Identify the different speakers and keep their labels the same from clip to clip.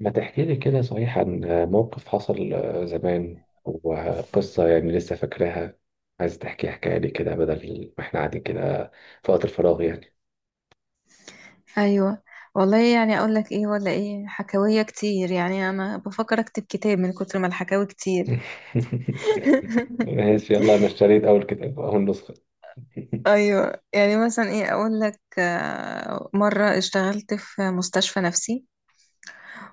Speaker 1: ما تحكي لي كده صحيح عن موقف حصل زمان وقصة يعني لسه فاكراها. عايز تحكي حكاية لي كده بدل ما احنا قاعدين كده في وقت الفراغ يعني.
Speaker 2: ايوه. والله يعني اقول لك ايه ولا ايه، حكاويه كتير، يعني انا بفكر اكتب كتاب من كتر ما الحكاوي كتير.
Speaker 1: ماشي يلا انا اشتريت اول كتاب اول نسخة.
Speaker 2: ايوه، يعني مثلا ايه اقول لك، مره اشتغلت في مستشفى نفسي،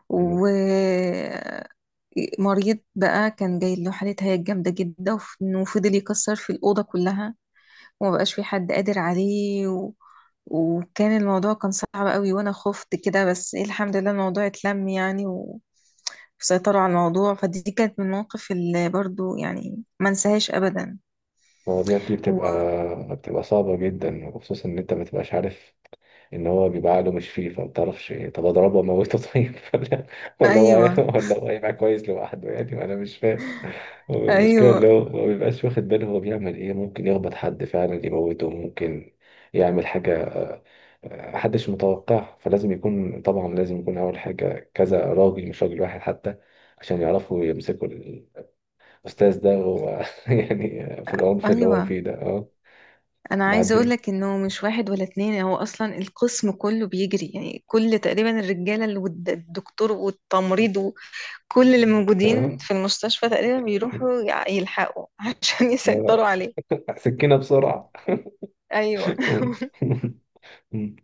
Speaker 2: ومريض بقى كان جاي له حاله هياج جامده جدا، وفضل يكسر في الاوضه كلها، ومبقاش في حد قادر عليه وكان الموضوع كان صعب قوي، وانا خفت كده، بس الحمد لله الموضوع اتلم يعني وسيطروا على الموضوع. فدي كانت من المواقف اللي برضو يعني ما انساهاش ابدا.
Speaker 1: المواضيع دي
Speaker 2: و...
Speaker 1: بتبقى صعبة جدا، وخصوصا ان انت ما تبقاش عارف ان هو بيبقى عقله مش فيه، فما تعرفش طب اضربه واموته؟ طيب ولا
Speaker 2: ايوه
Speaker 1: ولا هو هيبقى كويس لوحده؟ يعني ما انا مش فاهم. هو المشكله
Speaker 2: ايوه
Speaker 1: اللي هو ما بيبقاش واخد باله هو بيعمل ايه، ممكن يخبط حد فعلا يموته، ممكن يعمل حاجه محدش متوقعها، فلازم يكون طبعا لازم يكون اول حاجه كذا راجل، مش راجل واحد حتى، عشان يعرفوا يمسكوا الاستاذ ده. هو يعني في العنف اللي هو فيه
Speaker 2: ايوه،
Speaker 1: ده. اه
Speaker 2: انا عايزه اقول
Speaker 1: بعدين
Speaker 2: لك انه مش واحد ولا اتنين، هو اصلا القسم كله بيجري، يعني كل تقريبا الرجاله اللي الدكتور والتمريض وكل اللي موجودين
Speaker 1: اه.
Speaker 2: في المستشفى تقريبا بيروحوا يلحقوا عشان يسيطروا
Speaker 1: آه،
Speaker 2: عليه.
Speaker 1: سكينه بسرعه.
Speaker 2: ايوه
Speaker 1: مم.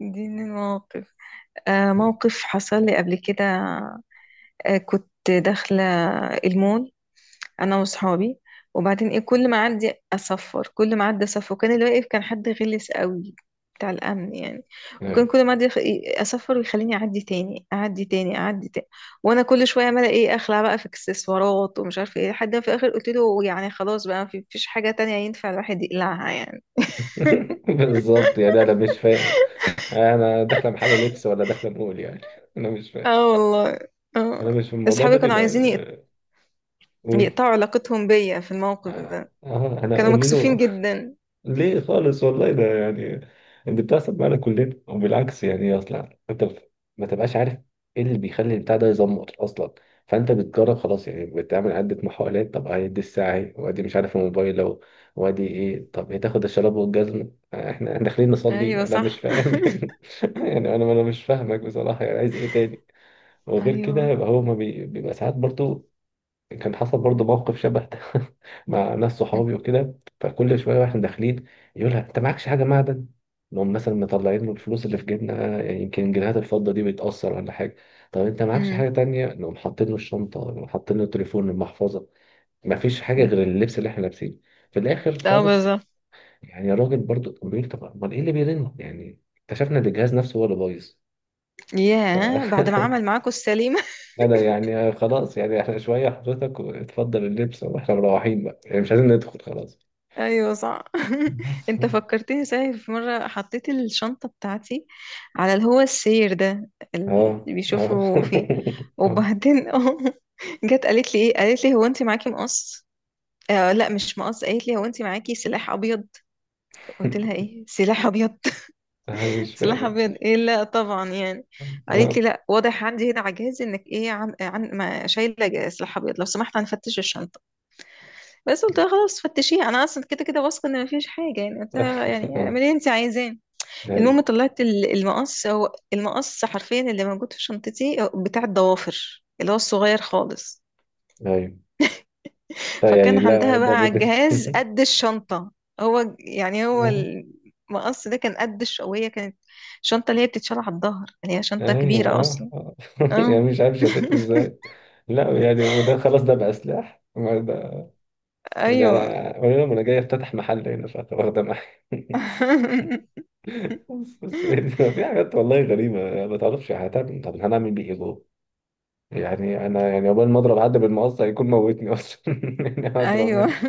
Speaker 2: دي من المواقف. موقف حصل لي قبل كده. كنت داخله المول، انا واصحابي. وبعدين ايه، كل ما اعدي اصفر، كل ما اعدي اصفر. وكان اللي واقف كان حد غلس قوي، بتاع الامن يعني. وكان
Speaker 1: أيوة.
Speaker 2: كل ما اعدي يخ- إيه، اصفر، ويخليني اعدي تاني اعدي تاني اعدي تاني. وانا كل شويه عماله ايه، اخلع بقى في اكسسوارات ومش عارفه ايه، لحد ما في الاخر قلت له يعني خلاص بقى مفيش حاجه تانية ينفع الواحد يقلعها يعني.
Speaker 1: بالظبط يعني انا مش فاهم، انا داخله محل لبس ولا داخله نقول يعني. انا مش فاهم.
Speaker 2: اه والله.
Speaker 1: انا
Speaker 2: اه.
Speaker 1: مش في الموضوع ده
Speaker 2: اصحابي كانوا
Speaker 1: بيبقى.
Speaker 2: عايزين
Speaker 1: قولي.
Speaker 2: يقطعوا علاقتهم بيا في الموقف ده،
Speaker 1: اه انا
Speaker 2: كانوا
Speaker 1: اقول
Speaker 2: مكسوفين
Speaker 1: له
Speaker 2: جدا.
Speaker 1: ليه خالص، والله ده يعني اللي بتحصل معانا كلنا، وبالعكس يعني اصلا انت ما تبقاش عارف ايه اللي بيخلي البتاع ده يزمط اصلا، فانت بتجرب خلاص يعني، بتعمل عدة محاولات. طب هيدي الساعة، ايه وادي مش عارف الموبايل، لو وادي ايه، طب هي تاخد الشراب والجزمة، احنا داخلين نصلي،
Speaker 2: ايوه
Speaker 1: انا مش
Speaker 2: صح
Speaker 1: فاهم يعني يعني انا مش فاهمك بصراحة، يعني عايز ايه تاني؟ وغير كده
Speaker 2: ايوه.
Speaker 1: يبقى هو ما بيبقى ساعات برضو. كان حصل برضه موقف شبه ده مع ناس صحابي
Speaker 2: مهم.
Speaker 1: وكده، فكل شويه واحنا داخلين يقولها انت معكش حاجه معدن، نقوم مثلا مطلعين له الفلوس اللي في جيبنا، يعني يمكن جنيهات الفضه دي بتاثر ولا حاجه. طب انت معكش حاجه
Speaker 2: مهم.
Speaker 1: تانية؟ نقوم حاطين له الشنطه، نقوم حاطين له التليفون، المحفظه، مفيش حاجه
Speaker 2: مهم.
Speaker 1: غير اللبس اللي احنا لابسينه. في الاخر
Speaker 2: اه
Speaker 1: خالص
Speaker 2: بالظبط.
Speaker 1: يعني الراجل برضه كان بيقول طب امال ايه اللي بيرن يعني، اكتشفنا ان الجهاز نفسه هو اللي بايظ. ف
Speaker 2: ياه بعد ما عمل معاكوا السليمة
Speaker 1: انا يعني خلاص، يعني احنا شويه حضرتك، اتفضل اللبس واحنا مروحين بقى، يعني مش عايزين ندخل خلاص.
Speaker 2: ايوه صح
Speaker 1: بس
Speaker 2: انت فكرتني صحيح، في مرة حطيت الشنطة بتاعتي على اللي هو السير ده اللي
Speaker 1: اه اه
Speaker 2: بيشوفوا فيه.
Speaker 1: آه.
Speaker 2: وبعدين اه، جت قالت لي ايه، قالت لي هو انت معاكي مقص؟ لا مش مقص، قالت لي هو انت معاكي سلاح ابيض؟ قلت لها ايه سلاح ابيض؟
Speaker 1: آه، مش
Speaker 2: سلاح
Speaker 1: فاهم.
Speaker 2: ابيض ايه؟ لا طبعا يعني. قالت لي
Speaker 1: اه
Speaker 2: لا، واضح عندي هنا على جهازي انك ايه عن ما شايله سلاح ابيض، لو سمحت هنفتش الشنطه. بس قلت لها خلاص فتشيها، انا اصلا كده كده واثقه ان مفيش حاجه يعني، قلت لها يعني
Speaker 1: آه.
Speaker 2: اعملي اللي انت عايزاه.
Speaker 1: ايوه.
Speaker 2: المهم طلعت المقص، هو المقص حرفيا اللي موجود في شنطتي هو بتاع الضوافر اللي هو الصغير خالص.
Speaker 1: ايوه طيب، يعني
Speaker 2: فكان
Speaker 1: لا
Speaker 2: عندها بقى
Speaker 1: ده
Speaker 2: على
Speaker 1: بالنسبه
Speaker 2: الجهاز
Speaker 1: لي.
Speaker 2: قد الشنطه. هو يعني هو
Speaker 1: آه،
Speaker 2: المقص ده كان قد وهي كانت شنطة اللي هي بتتشال على الظهر اللي هي شنطة
Speaker 1: ايوه
Speaker 2: كبيرة
Speaker 1: اه
Speaker 2: أصلا.
Speaker 1: آه. يعني
Speaker 2: اه
Speaker 1: مش عارف شافته ازاي. لا يعني وده خلاص، ده بقى سلاح ما ده، يعني
Speaker 2: ايوه
Speaker 1: انا قولي لهم انا جاي افتتح محل هنا فاخده معايا. بس يعني في حاجات والله غريبة، يعني ما تعرفش هتعمل إيه. طب هنعمل بيه ايه جوه؟ يعني انا يعني عقبال ما اضرب حد بالمقص هيكون موتني اصلا يعني هضرب
Speaker 2: ايوه.
Speaker 1: مني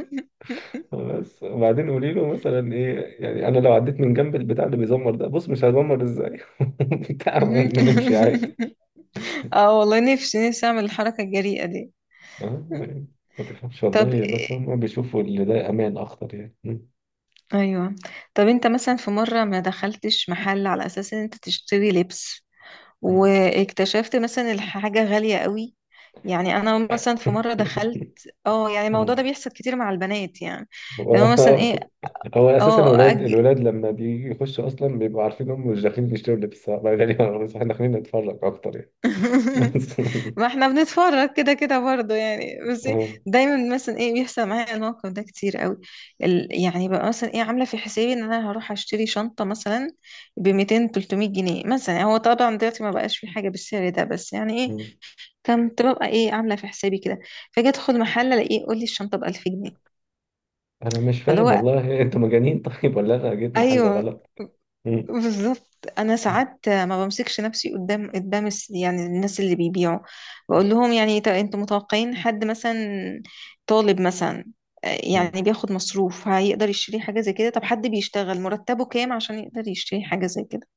Speaker 1: بس. وبعدين قولي له مثلا ايه، يعني انا لو عديت من جنب البتاع اللي بيزمر ده، بص مش هتزمر ازاي بتاع،
Speaker 2: مهم.
Speaker 1: ونمشي عادي.
Speaker 2: اه والله، نفسي نفسي اعمل الحركة الجريئة دي.
Speaker 1: آه، يعني ما تفهمش
Speaker 2: طب
Speaker 1: والله، بس
Speaker 2: إيه-
Speaker 1: هم بيشوفوا اللي ده امان اخطر يعني.
Speaker 2: ايوه. طب انت مثلا في مرة ما دخلتش محل على اساس ان انت تشتري لبس واكتشفت مثلا الحاجة غالية قوي؟ يعني انا مثلا في مرة دخلت. اه يعني الموضوع ده بيحصل كتير مع البنات يعني، لو مثلا
Speaker 1: هو
Speaker 2: ايه.
Speaker 1: هو اساسا
Speaker 2: اه
Speaker 1: الولاد
Speaker 2: أج...
Speaker 1: الولاد لما بيجي يخشوا اصلا بيبقوا عارفين هم مش داخلين يشتروا لبس بقى غالبا، بس احنا داخلين نتفرج اكتر يعني. بس
Speaker 2: ما احنا بنتفرج كده كده برضه يعني، بس
Speaker 1: آه.
Speaker 2: دايما مثلا ايه بيحصل معايا الموقف ده كتير قوي. يعني بقى مثلا ايه، عامله في حسابي ان انا هروح اشتري شنطه مثلا ب 200 300 جنيه مثلا، يعني هو طبعا دلوقتي ما بقاش في حاجه بالسعر ده، بس يعني ايه كنت ببقى ايه عامله في حسابي كده، فاجي ادخل محل الاقيه يقول لي الشنطه ب 1000 جنيه.
Speaker 1: انا مش
Speaker 2: فاللي
Speaker 1: فاهم
Speaker 2: هو
Speaker 1: والله، انتوا مجانين طيب، ولا انا جيت محل
Speaker 2: ايوه
Speaker 1: غلط؟ مم.
Speaker 2: بالظبط. انا ساعات ما بمسكش نفسي، قدام يعني الناس اللي بيبيعوا، بقول لهم يعني طب انتوا متوقعين حد مثلا طالب مثلا،
Speaker 1: مم.
Speaker 2: يعني بياخد مصروف هيقدر يشتري حاجة زي كده؟ طب حد بيشتغل مرتبه كام عشان يقدر يشتري حاجة زي كده؟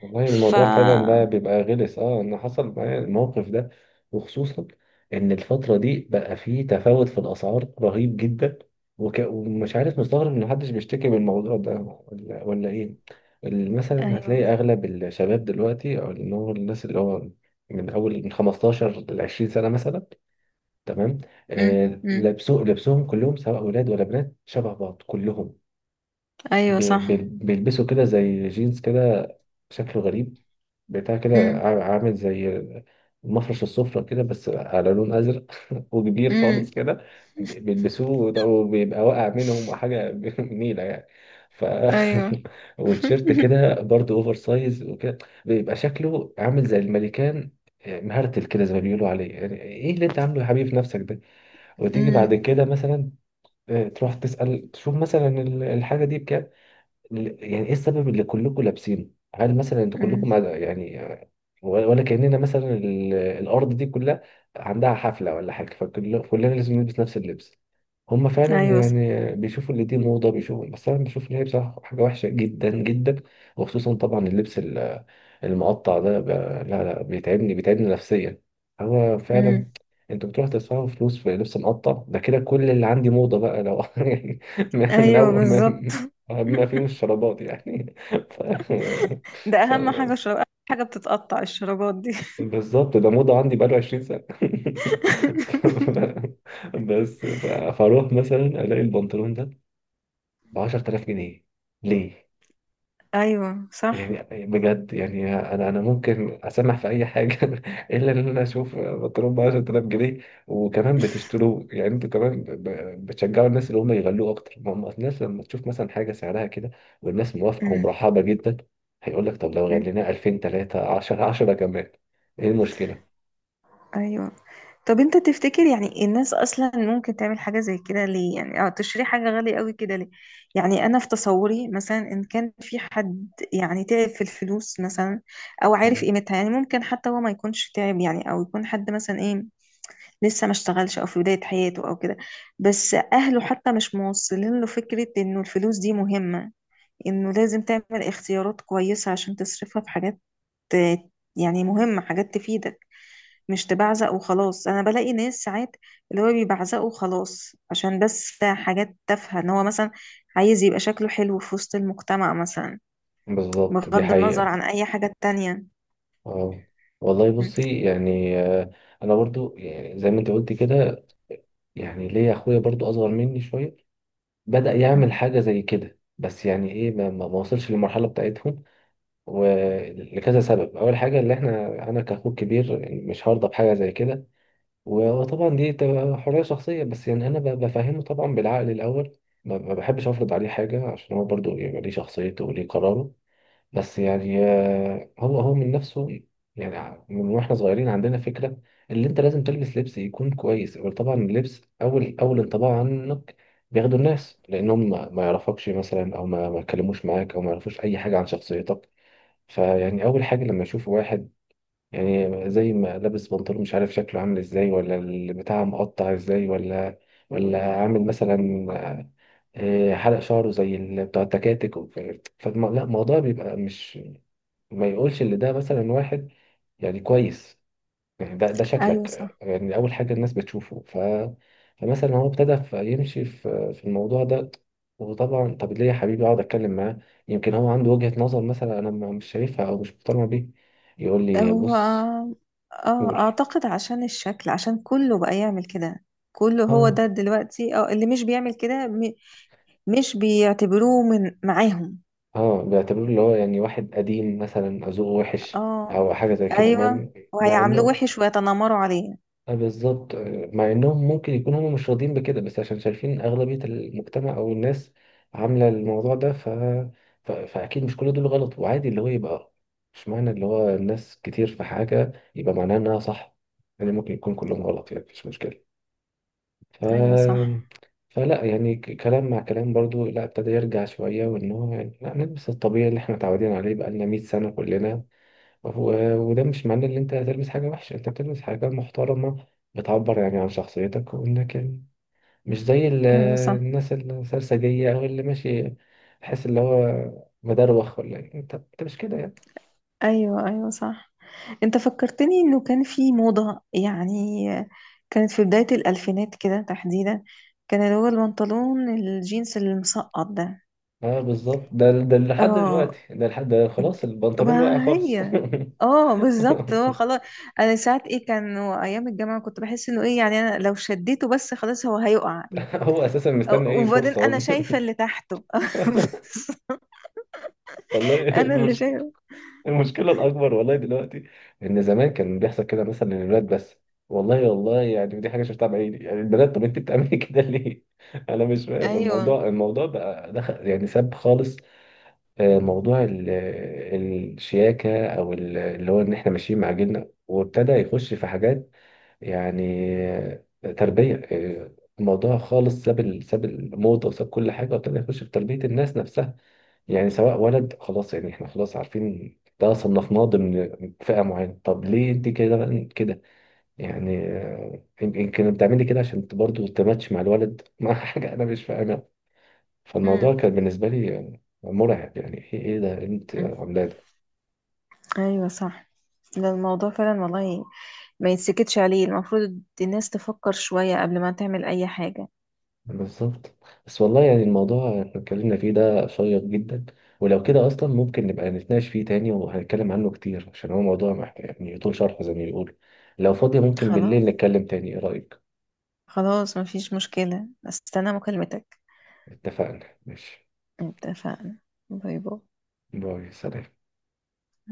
Speaker 1: والله
Speaker 2: ف
Speaker 1: الموضوع فعلا ده بيبقى غلس. اه انا حصل معايا الموقف ده وخصوصا ان الفترة دي بقى فيه تفاوت في الاسعار رهيب جدا، ومش عارف مستغرب ان محدش بيشتكي من الموضوع ده ولا ايه. مثلا هتلاقي
Speaker 2: ايوه.
Speaker 1: اغلب الشباب دلوقتي او اللي هو الناس اللي هو من اول من 15 ل 20 سنة مثلا، تمام، آه
Speaker 2: امم.
Speaker 1: لبسهم كلهم سواء اولاد ولا بنات شبه بعض كلهم
Speaker 2: ايوه صح.
Speaker 1: بيلبسوا كده زي جينز كده شكله غريب بتاع كده
Speaker 2: امم
Speaker 1: عامل زي المفرش السفرة كده بس على لون أزرق وكبير خالص
Speaker 2: امم.
Speaker 1: كده، بيلبسوه ده، وبيبقى واقع منهم حاجة نيلة يعني. ف
Speaker 2: ايوه
Speaker 1: وتيشيرت كده برضه أوفر سايز وكده بيبقى شكله عامل زي الملكان. آه، مهرتل كده زي ما بيقولوا عليه، يعني ايه اللي انت عامله يا حبيبي في نفسك ده؟ وتيجي بعد
Speaker 2: امم
Speaker 1: كده مثلا آه، تروح تسأل تشوف مثلا الحاجة دي بكام. يعني ايه السبب اللي كلكم لابسينه، هل مثلا انتوا
Speaker 2: امم.
Speaker 1: كلكم يعني ولا كأننا مثلا الأرض دي كلها عندها حفلة ولا حاجة، فكل كلنا لازم نلبس نفس اللبس؟ هما فعلا
Speaker 2: ايوه صح.
Speaker 1: يعني بيشوفوا اللي دي موضة بيشوفوا، بس أنا بشوف إن هي بصراحة حاجة وحشة جدا جدا. وخصوصا طبعا اللبس المقطع ده لا لا بيتعبني، بيتعبني نفسيا هو فعلا.
Speaker 2: امم.
Speaker 1: انتوا بتروح تدفعوا فلوس في لبس مقطع ده كده، كل اللي عندي موضة بقى لو يعني من
Speaker 2: ايوه
Speaker 1: أول ما
Speaker 2: بالظبط.
Speaker 1: ما فيهم الشرابات يعني ف...
Speaker 2: ده
Speaker 1: ف...
Speaker 2: اهم حاجة، شراب. أهم حاجة بتتقطع الشرابات دي.
Speaker 1: بالظبط، ده موضة عندي بقاله 20 سنة بس فاروح مثلا الاقي البنطلون ده ب 10000 جنيه، ليه؟
Speaker 2: ايوه صح.
Speaker 1: يعني بجد يعني انا ممكن اسمح في اي حاجه الا ان انا اشوف بنطلون ب 10000 جنيه، وكمان بتشتروه يعني انتوا كمان بتشجعوا الناس اللي هم يغلوه اكتر، ما هم الناس لما تشوف مثلا حاجه سعرها كده والناس موافقه
Speaker 2: أمم،
Speaker 1: ومرحبه جدا هيقول لك طب لو
Speaker 2: أمم،
Speaker 1: غليناه 2000 3 10 10 كمان، ايه المشكله؟
Speaker 2: ايوه. طب انت تفتكر يعني الناس اصلا ممكن تعمل حاجة زي كده ليه، يعني اه تشتري حاجة غالية قوي كده ليه؟ يعني انا في تصوري مثلا، ان كان في حد يعني تعب في الفلوس مثلا، او عارف قيمتها، يعني ممكن حتى هو ما يكونش تعب يعني، او يكون حد مثلا ايه لسه ما اشتغلش او في بداية حياته او كده، بس اهله حتى مش موصلين له فكرة انه الفلوس دي مهمة، انه لازم تعمل اختيارات كويسة عشان تصرفها في حاجات آه، يعني مهمة، حاجات تفيدك، مش تبعزق وخلاص. انا بلاقي ناس ساعات اللي هو بيبعزقوا خلاص عشان بس حاجات تافهة، ان هو مثلا عايز يبقى شكله حلو في وسط المجتمع مثلا،
Speaker 1: بالظبط دي
Speaker 2: بغض النظر
Speaker 1: حقيقة.
Speaker 2: عن اي حاجة تانية.
Speaker 1: اه والله
Speaker 2: م-
Speaker 1: بصي يعني آه، انا برضو يعني زي ما انت قلت كده، يعني ليا اخويا برضو اصغر مني شوية بدأ يعمل
Speaker 2: م-
Speaker 1: حاجة زي كده، بس يعني ايه ما وصلش للمرحلة بتاعتهم. ولكذا سبب اول حاجة اللي احنا انا كأخوه الكبير مش هرضى بحاجة زي كده. وطبعا دي تبقى حرية شخصية، بس يعني انا بفهمه طبعا بالعقل الاول، ما بحبش افرض عليه حاجة عشان هو برضو يبقى ليه شخصيته وليه قراره. بس يعني آه، هو هو من نفسه يعني من واحنا صغيرين عندنا فكرة اللي انت لازم تلبس لبس يكون كويس. وطبعا اللبس اول اول انطباع عنك بياخده الناس، لانهم ما يعرفكش مثلا او ما يتكلموش معاك او ما يعرفوش اي حاجة عن شخصيتك. فيعني اول حاجة لما يشوفوا واحد يعني زي ما لابس بنطلون مش عارف شكله عامل ازاي، ولا البتاع مقطع ازاي، ولا ولا عامل مثلا آه، حلق شعره زي بتاع التكاتك. لا الموضوع بيبقى مش ما يقولش ان ده مثلا واحد يعني كويس، يعني ده ده
Speaker 2: ايوه
Speaker 1: شكلك،
Speaker 2: صح.
Speaker 1: يعني اول حاجه الناس بتشوفه. ف فمثلا هو ابتدى يمشي في في الموضوع ده. وطبعا طب ليه يا حبيبي، اقعد اتكلم معاه، يمكن هو عنده وجهه نظر مثلا انا مش شايفها او مش مقتنع بيه، يقول لي
Speaker 2: هو
Speaker 1: بص.
Speaker 2: اه
Speaker 1: قولي.
Speaker 2: اعتقد عشان الشكل، عشان كله بقى يعمل كده، كله هو
Speaker 1: اه
Speaker 2: ده دلوقتي. اه اللي مش بيعمل كده مش بيعتبروه من معاهم.
Speaker 1: اه بيعتبروه اللي هو يعني واحد قديم مثلا ذوقه وحش
Speaker 2: اه
Speaker 1: او حاجه زي كده، مع
Speaker 2: ايوه،
Speaker 1: مع
Speaker 2: وهيعاملوه
Speaker 1: انه
Speaker 2: وحش ويتنمروا عليه.
Speaker 1: آه، بالظبط. آه، مع انهم ممكن يكونوا هم مش راضيين بكده، بس عشان شايفين اغلبية المجتمع او الناس عاملة الموضوع ده. ف... ف... فاكيد مش كل دول غلط، وعادي اللي هو يبقى مش معنى اللي هو الناس كتير في حاجة يبقى معناه انها صح، يعني ممكن يكون كلهم غلط يعني مفيش مشكلة. ف...
Speaker 2: ايوه صح.
Speaker 1: فلا يعني كلام مع كلام برضو، لا ابتدى يرجع شوية وان هو يعني لا نلبس الطبيعي اللي احنا متعودين عليه بقالنا 100 سنة كلنا. وده مش معناه ان انت هتلبس حاجه وحشه، انت بتلبس حاجه محترمه بتعبر يعني عن شخصيتك وانك مش زي
Speaker 2: ايوه صح.
Speaker 1: الناس السرسجيه او اللي ماشي تحس اللي هو مدروخ ولا إيه. انت مش كده يعني.
Speaker 2: ايوه. ايوه صح، انت فكرتني انه كان في موضة يعني، كانت في بداية الالفينات كده تحديدا، كان اللي هو البنطلون الجينز المسقط ده.
Speaker 1: اه بالظبط ده ده لحد دلوقتي،
Speaker 2: اه
Speaker 1: ده لحد ده خلاص البنطلون واقع
Speaker 2: ما
Speaker 1: خالص
Speaker 2: هي. اه بالظبط، هو خلاص. انا ساعات ايه كان ايام الجامعه كنت بحس انه ايه يعني، انا لو شديته بس خلاص هو هيقع.
Speaker 1: هو اساسا مستني اي
Speaker 2: وبعدين انا
Speaker 1: فرصه
Speaker 2: شايفه اللي تحته
Speaker 1: والله
Speaker 2: انا اللي
Speaker 1: المشكله،
Speaker 2: شايفه.
Speaker 1: المشكلة الأكبر والله دلوقتي، إن زمان كان بيحصل كده مثلا للولاد بس، والله يعني ودي حاجة شفتها بعيني، يعني البنات طب أنت بتعملي كده ليه؟ أنا مش فاهم
Speaker 2: ايوه.
Speaker 1: الموضوع، الموضوع بقى دخل يعني ساب خالص آه، موضوع الشياكة أو اللي هو إن إحنا ماشيين مع جيلنا، وابتدى يخش في حاجات يعني آه، تربية آه، الموضوع خالص ساب ساب الموضة وساب كل حاجة، وابتدى يخش في تربية الناس نفسها. يعني سواء ولد خلاص يعني احنا خلاص عارفين ده صنفناه ضمن فئة معينة، طب ليه انت كده بقى كده؟ يعني آه، يمكن بتعملي كده عشان برضه تماتش مع الولد، مع حاجة انا مش فاهمها.
Speaker 2: امم.
Speaker 1: فالموضوع كان بالنسبة لي آه، مرعب، يعني ايه ايه ده، إيه انت
Speaker 2: أمم.
Speaker 1: عاملاه ده.
Speaker 2: ايوه صح. ده الموضوع فعلا والله ما يتسكتش عليه، المفروض الناس تفكر شوية قبل ما تعمل اي حاجة.
Speaker 1: بالظبط. بس والله يعني الموضوع احنا اتكلمنا فيه ده شيق جدا، ولو كده اصلا ممكن نبقى نتناقش فيه تاني، وهنتكلم عنه كتير عشان هو موضوع محتاج يعني يطول شرحه زي ما بيقولوا. لو فاضية ممكن بالليل
Speaker 2: خلاص.
Speaker 1: نتكلم تاني، ايه رأيك؟
Speaker 2: خلاص مفيش مشكلة، استنى مكالمتك.
Speaker 1: اتفقنا ماشي.
Speaker 2: اتفقنا. باي باي.
Speaker 1: باي سلام.